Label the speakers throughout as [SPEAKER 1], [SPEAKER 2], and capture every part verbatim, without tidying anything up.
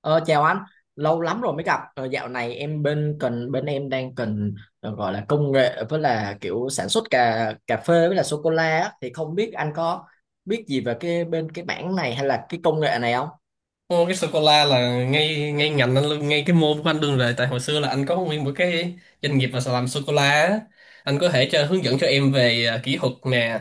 [SPEAKER 1] Ờ, Chào anh, lâu lắm rồi mới gặp. Ờ, Dạo này em bên cần bên em đang cần ờ, gọi là công nghệ với là kiểu sản xuất cà cà phê với là sô cô la á. Thì không biết anh có biết gì về cái bên cái bảng này hay là cái công nghệ này không?
[SPEAKER 2] Ô, cái sô cô la là ngay ngay ngành anh luôn, ngay cái môn của anh luôn rồi, tại hồi xưa là anh có nguyên một cái doanh nghiệp mà làm sô cô la á. Anh có thể cho hướng dẫn cho em về à, kỹ thuật nè,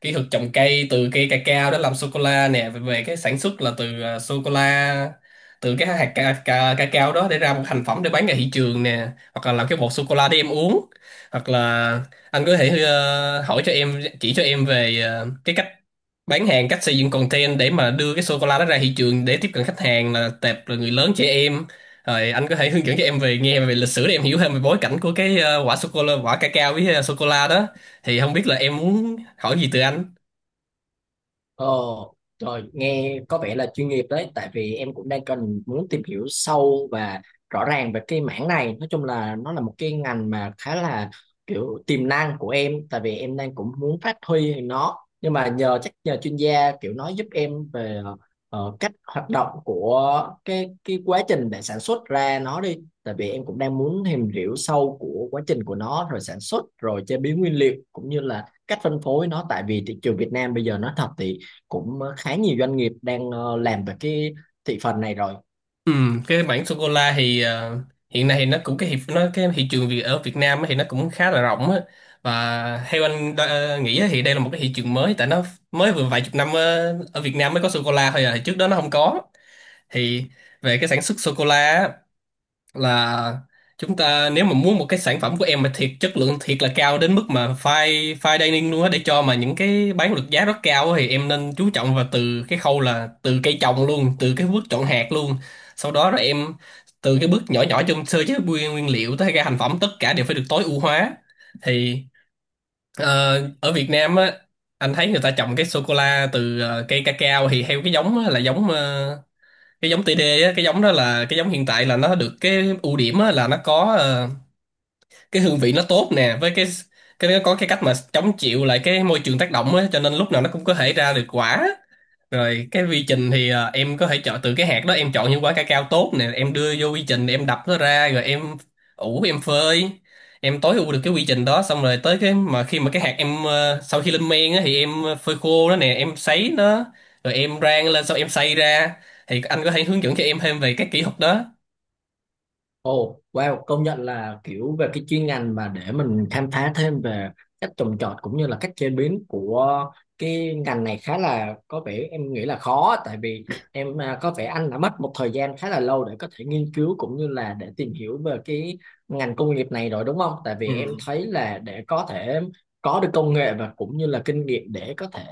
[SPEAKER 2] kỹ thuật trồng cây từ cây cacao đó làm sô cô la nè, về về cái sản xuất là từ à, sô cô la, từ cái hạt ca, ca, cacao đó để ra một thành phẩm để bán ra thị trường nè, hoặc là làm cái bột sô cô la để em uống, hoặc là anh có thể ờ, hỏi cho em, chỉ cho em về ờ, cái cách bán hàng, cách xây dựng content để mà đưa cái sô cô la đó ra thị trường để tiếp cận khách hàng là tệp là người lớn, trẻ em. Rồi anh có thể hướng dẫn cho em về nghe, về lịch sử để em hiểu thêm về bối cảnh của cái ờ, quả sô cô la, quả cacao với sô cô la đó. Thì không biết là em muốn hỏi gì từ anh.
[SPEAKER 1] Ồ, rồi nghe có vẻ là chuyên nghiệp đấy, tại vì em cũng đang cần muốn tìm hiểu sâu và rõ ràng về cái mảng này. Nói chung là nó là một cái ngành mà khá là kiểu tiềm năng của em, tại vì em đang cũng muốn phát huy nó. Nhưng mà nhờ chắc nhờ chuyên gia kiểu nói giúp em về ờ, cách hoạt động của cái cái quá trình để sản xuất ra nó đi. Tại vì em cũng đang muốn tìm hiểu sâu của quá trình của nó, rồi sản xuất, rồi chế biến nguyên liệu cũng như là cách phân phối nó. Tại vì thị trường Việt Nam bây giờ nói thật thì cũng ờ, khá nhiều doanh nghiệp đang ờ, làm về cái thị phần này rồi.
[SPEAKER 2] Ừ, cái mảng sô cô la thì ờ, hiện nay thì nó cũng cái hiệp nó cái thị trường Việt ở Việt Nam á thì nó cũng khá là rộng á, và theo anh đo- ờ, nghĩ á thì đây là một cái thị trường mới, tại nó mới vừa vài chục năm ờ, ở Việt Nam mới có sô cô la thôi à, thì trước đó nó không có. Thì về cái sản xuất sô cô la là chúng ta, nếu mà muốn một cái sản phẩm của em mà thiệt chất lượng, thiệt là cao đến mức mà fine fine dining luôn á, để cho mà những cái bán được giá rất cao á, thì em nên chú trọng vào từ cái khâu là từ cây trồng luôn, từ cái bước chọn hạt luôn, sau đó rồi em từ cái bước nhỏ nhỏ trong sơ chế nguyên nguyên liệu tới ra thành phẩm, tất cả đều phải được tối ưu hóa. Thì ờ, ở Việt Nam á, anh thấy người ta trồng cái sô cô la từ ờ, cây cacao thì theo cái giống á, là giống ờ, cái giống tê đê á, cái giống đó là cái giống hiện tại, là nó được cái ưu điểm á là nó có ờ, cái hương vị nó tốt nè, với cái cái nó có cái cách mà chống chịu lại cái môi trường tác động á, cho nên lúc nào nó cũng có thể ra được quả. Rồi cái quy trình thì à, em có thể chọn từ cái hạt đó, em chọn những quả cacao tốt nè, em đưa vô quy trình, em đập nó ra rồi em ủ, em phơi. Em tối ưu được cái quy trình đó xong rồi tới cái mà khi mà cái hạt em ờ, sau khi lên men á thì em phơi khô nó nè, em sấy nó rồi em rang lên, xong em xay ra. Thì anh có thể hướng dẫn cho em thêm về các kỹ thuật đó.
[SPEAKER 1] Ồ, wow, công nhận là kiểu về cái chuyên ngành mà để mình khám phá thêm về cách trồng trọt cũng như là cách chế biến của cái ngành này khá là có vẻ em nghĩ là khó, tại vì em à, có vẻ anh đã mất một thời gian khá là lâu để có thể nghiên cứu cũng như là để tìm hiểu về cái ngành công nghiệp này rồi đúng không? Tại vì em
[SPEAKER 2] Ừ.
[SPEAKER 1] thấy là để có thể có được công nghệ và cũng như là kinh nghiệm để có thể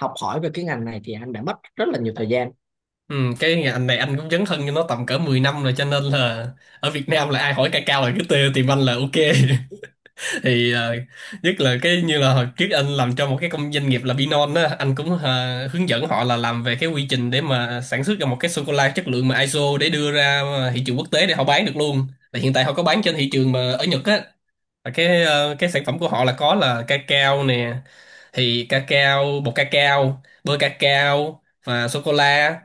[SPEAKER 1] học hỏi về cái ngành này thì anh đã mất rất là nhiều thời gian.
[SPEAKER 2] Ừ, cái ngành này anh cũng dấn thân cho nó tầm cỡ mười năm rồi, cho nên là ở Việt Nam là ai hỏi cacao là cứ tê, tìm anh là ok. Thì ờ, nhất là cái như là hồi trước anh làm cho một cái công doanh nghiệp là Binon á, anh cũng ờ, hướng dẫn họ là làm về cái quy trình để mà sản xuất ra một cái sô cô la chất lượng mà i sô để đưa ra ờ, thị trường quốc tế để họ bán được luôn. Là hiện tại họ có bán trên thị trường mà ở Nhật á, là cái ờ, cái sản phẩm của họ là có là cacao nè, thì cacao, bột cacao, bơ cacao và sô cô la.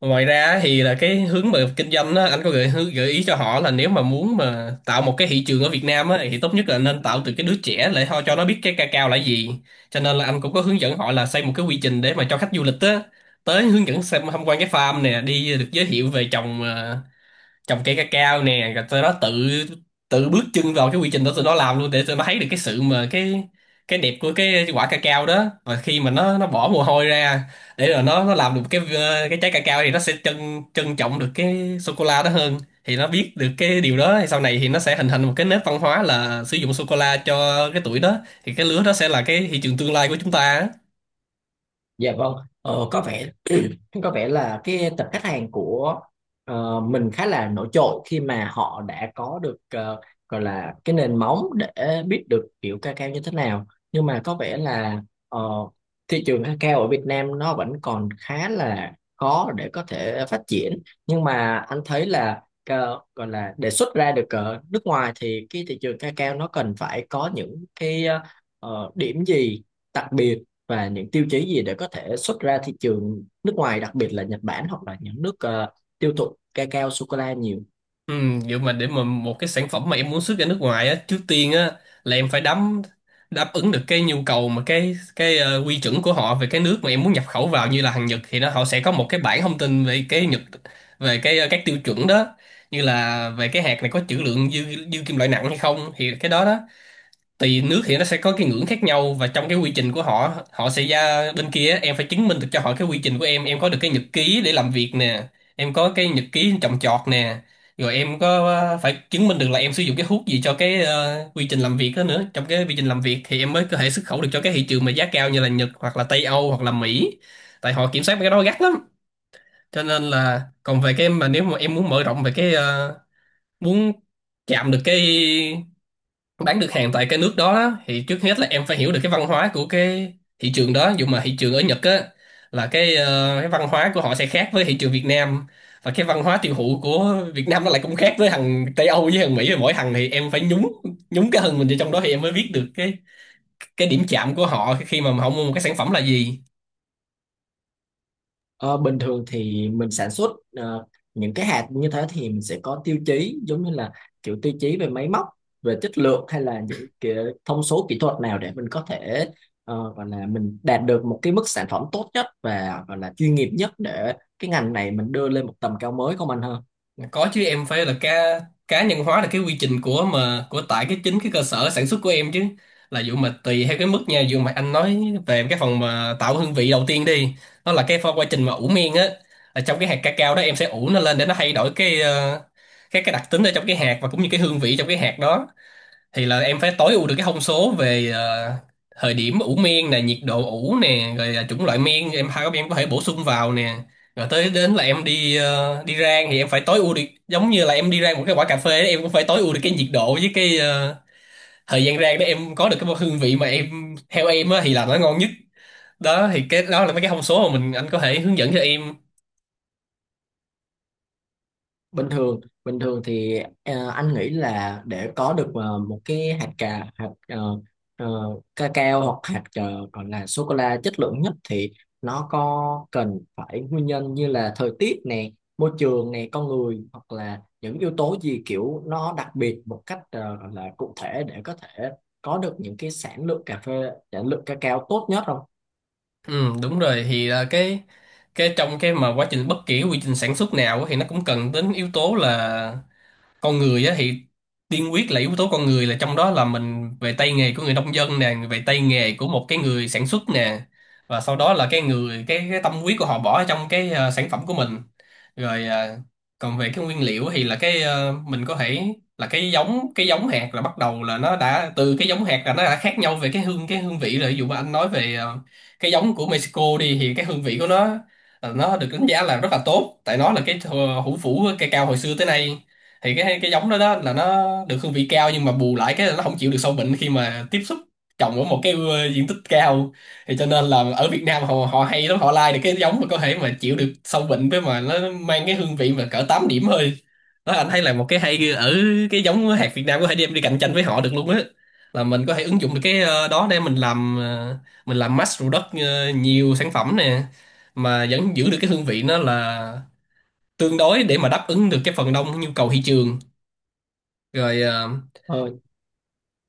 [SPEAKER 2] Ngoài ra thì là cái hướng mà kinh doanh đó, anh có gợi hướng- gợi ý cho họ là nếu mà muốn mà tạo một cái thị trường ở Việt Nam á, thì tốt nhất là nên tạo từ cái đứa trẻ, để họ cho nó biết cái cacao là gì. Cho nên là anh cũng có hướng dẫn họ là xây một cái quy trình để mà cho khách du lịch á tới hướng dẫn xem tham quan cái farm nè, đi được giới thiệu về trồng ờ, trồng cây cacao nè, rồi tụi nó tự tự bước chân vào cái quy trình đó, tụi nó làm luôn, để tụi nó thấy được cái sự mà cái cái đẹp của cái quả cacao đó, và khi mà nó nó bỏ mồ hôi ra để rồi nó nó làm được cái ờ, cái trái cacao thì nó sẽ trân trân trọng được cái sô cô la đó hơn. Thì nó biết được cái điều đó thì sau này thì nó sẽ hình thành một cái nếp văn hóa là sử dụng sô cô la cho cái tuổi đó, thì cái lứa đó sẽ là cái thị trường tương lai của chúng ta á.
[SPEAKER 1] Dạ vâng, ờ, có vẻ có vẻ là cái tập khách hàng của ờ, mình khá là nổi trội khi mà họ đã có được ờ, gọi là cái nền móng để biết được kiểu cacao như thế nào. Nhưng mà có vẻ là ờ, thị trường cacao ở Việt Nam nó vẫn còn khá là khó để có thể phát triển. Nhưng mà anh thấy là ờ, gọi là để xuất ra được ở nước ngoài thì cái thị trường cacao nó cần phải có những cái ờ, ờ, điểm gì đặc biệt và những tiêu chí gì để có thể xuất ra thị trường nước ngoài, đặc biệt là Nhật Bản hoặc là những nước ờ, tiêu thụ cacao sô cô la nhiều.
[SPEAKER 2] Ừ, vậy mà để mà một cái sản phẩm mà em muốn xuất ra nước ngoài á, trước tiên á là em phải đắm đáp ứng được cái nhu cầu mà cái cái ờ, quy chuẩn của họ về cái nước mà em muốn nhập khẩu vào, như là hàng Nhật thì nó họ sẽ có một cái bảng thông tin về cái Nhật, về cái ờ, các tiêu chuẩn đó, như là về cái hạt này có trữ lượng dư dư kim loại nặng hay không, thì cái đó đó tùy nước thì nó sẽ có cái ngưỡng khác nhau, và trong cái quy trình của họ, họ sẽ ra bên kia á, em phải chứng minh được cho họ cái quy trình của em em có được cái nhật ký để làm việc nè, em có cái nhật ký trồng trọt nè, rồi em có ờ, phải chứng minh được là em sử dụng cái thuốc gì cho cái ờ, quy trình làm việc đó nữa, trong cái quy trình làm việc thì em mới có thể xuất khẩu được cho cái thị trường mà giá cao như là Nhật hoặc là Tây Âu hoặc là Mỹ, tại họ kiểm soát mấy cái đó gắt lắm. Cho nên là còn về cái mà nếu mà em muốn mở rộng về cái ờ, muốn chạm được cái, bán được hàng tại cái nước đó đó, thì trước hết là em phải hiểu được cái văn hóa của cái thị trường đó, dù mà thị trường ở Nhật á, là cái ờ, cái văn hóa của họ sẽ khác với thị trường Việt Nam, và cái văn hóa tiêu thụ của Việt Nam nó lại cũng khác với thằng Tây Âu với thằng Mỹ. Mỗi thằng thì em phải nhúng nhúng cái thân mình vào trong đó thì em mới biết được cái cái điểm chạm của họ khi mà họ mua một cái sản phẩm là gì.
[SPEAKER 1] Ờ, bình thường thì mình sản xuất ờ, những cái hạt như thế thì mình sẽ có tiêu chí giống như là kiểu tiêu chí về máy móc, về chất lượng hay là những cái thông số kỹ thuật nào để mình có thể ờ, gọi là mình đạt được một cái mức sản phẩm tốt nhất và gọi là chuyên nghiệp nhất để cái ngành này mình đưa lên một tầm cao mới không anh ha?
[SPEAKER 2] Có chứ, em phải là cá cá nhân hóa là cái quy trình của mà của tại cái chính cái cơ sở sản xuất của em chứ. Là dụ mà tùy theo cái mức nha, dụ mà anh nói về cái phần mà tạo hương vị đầu tiên đi, nó là cái pha- quá trình mà ủ men á, là trong cái hạt cacao đó em sẽ ủ nó lên để nó thay đổi cái ờ, cái cái đặc tính ở trong cái hạt, và cũng như cái hương vị trong cái hạt đó. Thì là em phải tối ưu được cái thông số về ờ, thời điểm ủ miên nè, nhiệt độ ủ nè, rồi là chủng loại miên em hai em có thể bổ sung vào nè. Rồi tới đến là em đi ờ, đi rang thì em phải tối ưu được, giống như là em đi rang một cái quả cà phê ấy, em cũng phải tối ưu được cái nhiệt độ với cái ờ, thời gian rang để em có được cái hương vị mà em theo em á, thì làm nó ngon nhất. Đó thì cái đó là mấy cái thông số mà mình anh có thể hướng dẫn cho em.
[SPEAKER 1] Bình thường bình thường thì ờ, anh nghĩ là để có được ờ, một cái hạt cà hạt uh, uh, cacao hoặc hạt ờ, gọi là sô cô la chất lượng nhất thì nó có cần phải nguyên nhân như là thời tiết nè, môi trường nè, con người hoặc là những yếu tố gì kiểu nó đặc biệt một cách ờ, gọi là cụ thể để có thể có được những cái sản lượng cà phê, sản lượng cacao tốt nhất không?
[SPEAKER 2] Ừ, đúng rồi, thì là cái cái trong cái mà quá trình, bất kỳ cái quy trình sản xuất nào á, thì nó cũng cần đến yếu tố là con người á. Thì tiên quyết là yếu tố con người, là trong đó là mình về tay nghề của người nông dân nè, về tay nghề của một cái người sản xuất nè, và sau đó là cái người cái, cái tâm huyết của họ bỏ ở trong cái ờ, sản phẩm của mình. Rồi ờ, còn về cái nguyên liệu thì là cái ờ, mình có thể là cái giống, cái giống hạt là bắt đầu là Nó đã từ cái giống hạt là nó đã khác nhau về cái hương cái hương vị rồi. Ví dụ mà anh nói về ờ, cái giống của Mexico đi thì cái hương vị của nó, ờ, nó được đánh giá là rất là tốt, tại nó là cái thờ- hủ phủ cây cao hồi xưa tới nay. Thì cái cái giống đó, đó là nó được hương vị cao, nhưng mà bù lại cái là nó không chịu được sâu bệnh khi mà tiếp xúc trồng ở một cái, ờ, diện tích cao. Thì cho nên là ở Việt Nam họ họ hay lắm, họ lai được cái giống mà có thể mà chịu được sâu bệnh với mà nó mang cái hương vị mà cỡ tám điểm thôi. Đó, anh thấy là một cái hay ở cái giống hạt Việt Nam, có thể đem đi cạnh tranh với họ được luôn á. Là mình có thể ứng dụng được cái ờ, đó để mình làm, ờ, mình làm mass product, ờ, nhiều sản phẩm nè, mà vẫn giữ được cái hương vị nó là tương đối, để mà đáp ứng được cái phần đông nhu cầu thị trường. rồi ờ,
[SPEAKER 1] Ờ,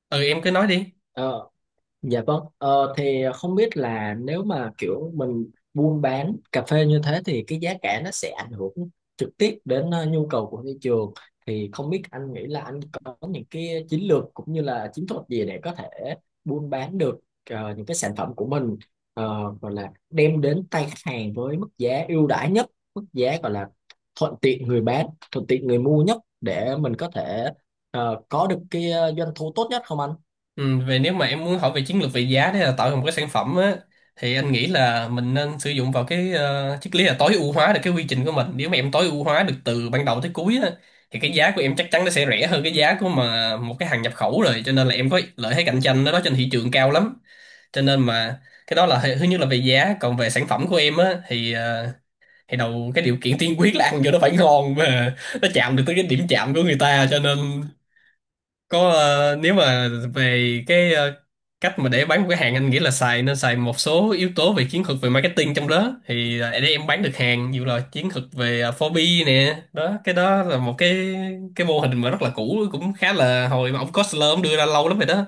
[SPEAKER 2] ừ, em cứ nói đi.
[SPEAKER 1] ờ. Dạ vâng, ờ, thì không biết là nếu mà kiểu mình buôn bán cà phê như thế thì cái giá cả nó sẽ ảnh hưởng trực tiếp đến ờ, nhu cầu của thị trường, thì không biết anh nghĩ là anh có những cái chiến lược cũng như là chiến thuật gì để có thể buôn bán được ờ, những cái sản phẩm của mình ờ, gọi là đem đến tay khách hàng với mức giá ưu đãi nhất, mức giá gọi là thuận tiện người bán, thuận tiện người mua nhất để mình có thể ờ, có được cái ờ, doanh thu tốt nhất không anh?
[SPEAKER 2] Ừ, về nếu mà em muốn hỏi về chiến lược về giá để là tạo ra một cái sản phẩm á, thì anh nghĩ là mình nên sử dụng vào cái ờ, triết lý là tối ưu hóa được cái quy trình của mình. Nếu mà em tối ưu hóa được từ ban đầu tới cuối á, thì cái giá của em chắc chắn nó sẽ rẻ hơn cái giá của mà một cái hàng nhập khẩu rồi, cho nên là em có lợi thế cạnh tranh đó, đó trên thị trường cao lắm. Cho nên mà cái đó là thứ nhất là về giá. Còn về sản phẩm của em á thì ờ, thì đầu cái điều kiện tiên quyết là ăn vô nó phải ngon và nó chạm được tới cái điểm chạm của người ta, cho nên có, ờ, nếu mà về cái ờ, cách mà để bán một cái hàng, anh nghĩ là xài nên xài một số yếu tố về chiến thuật về marketing trong đó. Thì ờ, để em bán được hàng dù là chiến thuật về, ờ, bốn bê nè đó, cái đó là một cái cái mô hình mà rất là cũ, cũng khá là hồi mà ông Costler ông đưa ra lâu lắm rồi đó.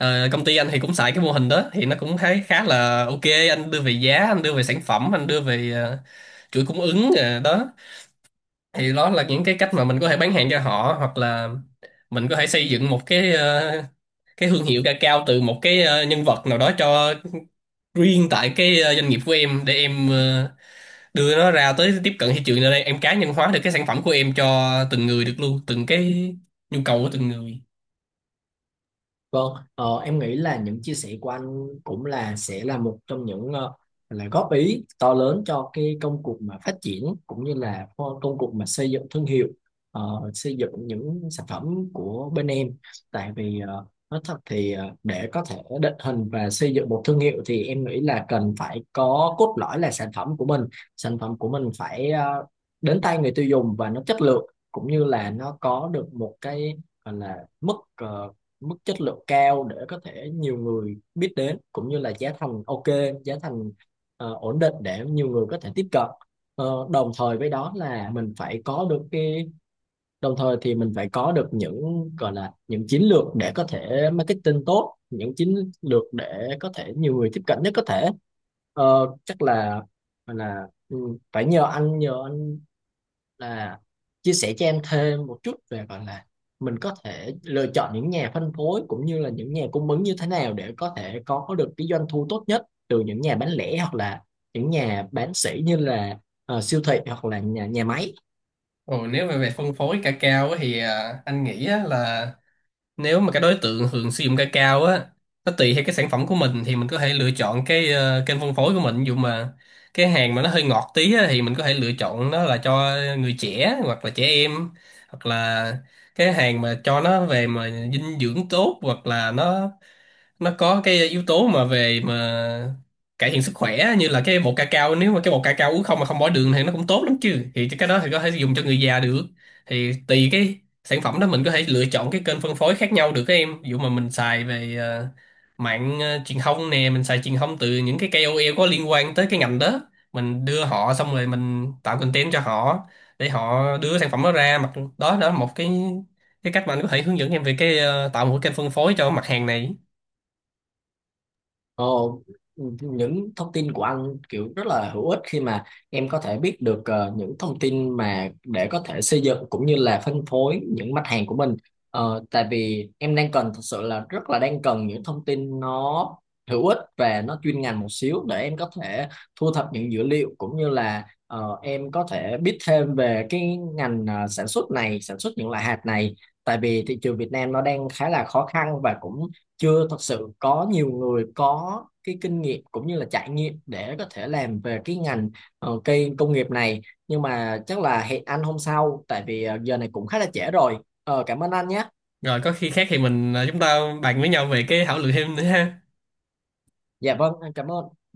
[SPEAKER 2] Ờ, công ty anh thì cũng xài cái mô hình đó, thì nó cũng thấy khá là ok. Anh đưa về giá, anh đưa về sản phẩm, anh đưa về ờ, chuỗi cung ứng, ờ, đó. Thì đó là những cái cách mà mình có thể bán hàng cho họ, hoặc là mình có thể xây dựng một cái ờ, cái thương hiệu cacao từ một cái ờ, nhân vật nào đó cho riêng tại cái ờ, doanh nghiệp của em, để em ờ, đưa nó ra tới tiếp cận thị trường. Ở đây em cá nhân hóa được cái sản phẩm của em cho từng người được luôn, từng cái nhu cầu của từng người.
[SPEAKER 1] Vâng, ờ, em nghĩ là những chia sẻ của anh cũng là sẽ là một trong những ờ, là góp ý to lớn cho cái công cuộc mà phát triển cũng như là co- công cuộc mà xây dựng thương hiệu, ờ, xây dựng những sản phẩm của bên em. Tại vì ờ, nói thật thì ờ, để có thể định hình và xây dựng một thương hiệu thì em nghĩ là cần phải có cốt lõi là sản phẩm của mình, sản phẩm của mình phải ờ, đến tay người tiêu dùng và nó chất lượng cũng như là nó có được một cái gọi là mức ờ, mức chất lượng cao để có thể nhiều người biết đến cũng như là giá thành ok, giá thành ờ, ổn định để nhiều người có thể tiếp cận. Ờ, đồng thời với đó là mình phải có được cái đồng thời thì mình phải có được những gọi là những chiến lược để có thể marketing tốt, những chiến lược để có thể nhiều người tiếp cận nhất có thể. Ờ, chắc là là ừ, phải nhờ anh nhờ anh là chia sẻ cho em thêm một chút về gọi là mình có thể lựa chọn những nhà phân phối cũng như là những nhà cung ứng như thế nào để có thể có được cái doanh thu tốt nhất từ những nhà bán lẻ hoặc là những nhà bán sỉ như là ờ, siêu thị hoặc là nhà nhà máy.
[SPEAKER 2] Ồ, nếu mà về phân phối cacao á thì ờ, anh nghĩ á là, nếu mà cái đối tượng hưởng sử dụng ca cao á, nó tùy theo cái sản phẩm của mình, thì mình có thể lựa chọn cái ờ, kênh phân phối của mình. Ví dụ mà cái hàng mà nó hơi ngọt tí á, thì mình có thể lựa chọn nó là cho người trẻ hoặc là trẻ em, hoặc là cái hàng mà cho nó về mà dinh dưỡng tốt, hoặc là nó nó có cái yếu tố mà về mà cải thiện sức khỏe, như là cái bột ca cao. Nếu mà cái bột ca cao uống không mà không bỏ đường thì nó cũng tốt lắm chứ, thì cái đó thì có thể dùng cho người già được. Thì tùy cái sản phẩm đó mình có thể lựa chọn cái kênh phân phối khác nhau được các em. Ví dụ mà mình xài về, ờ, mạng ờ, truyền thông nè, mình xài truyền thông từ những cái ca o lờ có liên quan tới cái ngành đó, mình đưa họ xong rồi mình tạo content cho họ, để họ đưa sản phẩm đó ra mặt. Đó, đó là một cái cái cách mà anh có thể hướng dẫn em về cái ờ, tạo một cái kênh phân phối cho mặt hàng này.
[SPEAKER 1] Ồ, những thông tin của anh kiểu rất là hữu ích khi mà em có thể biết được ờ, những thông tin mà để có thể xây dựng cũng như là phân phối những mặt hàng của mình. Ờ, tại vì em đang cần, thật sự là rất là đang cần những thông tin nó hữu ích và nó chuyên ngành một xíu để em có thể thu thập những dữ liệu cũng như là ờ, em có thể biết thêm về cái ngành ờ, sản xuất này, sản xuất những loại hạt này. Tại vì thị trường Việt Nam nó đang khá là khó khăn và cũng chưa thật sự có nhiều người có cái kinh nghiệm cũng như là trải nghiệm để có thể làm về cái ngành ờ, cây công nghiệp này, nhưng mà chắc là hẹn anh hôm sau tại vì ờ, giờ này cũng khá là trễ rồi. Ờ, cảm ơn anh nhé.
[SPEAKER 2] Rồi có khi khác thì mình à, chúng ta bàn với nhau về cái, thảo luận thêm nữa ha.
[SPEAKER 1] Dạ vâng, em cảm ơn.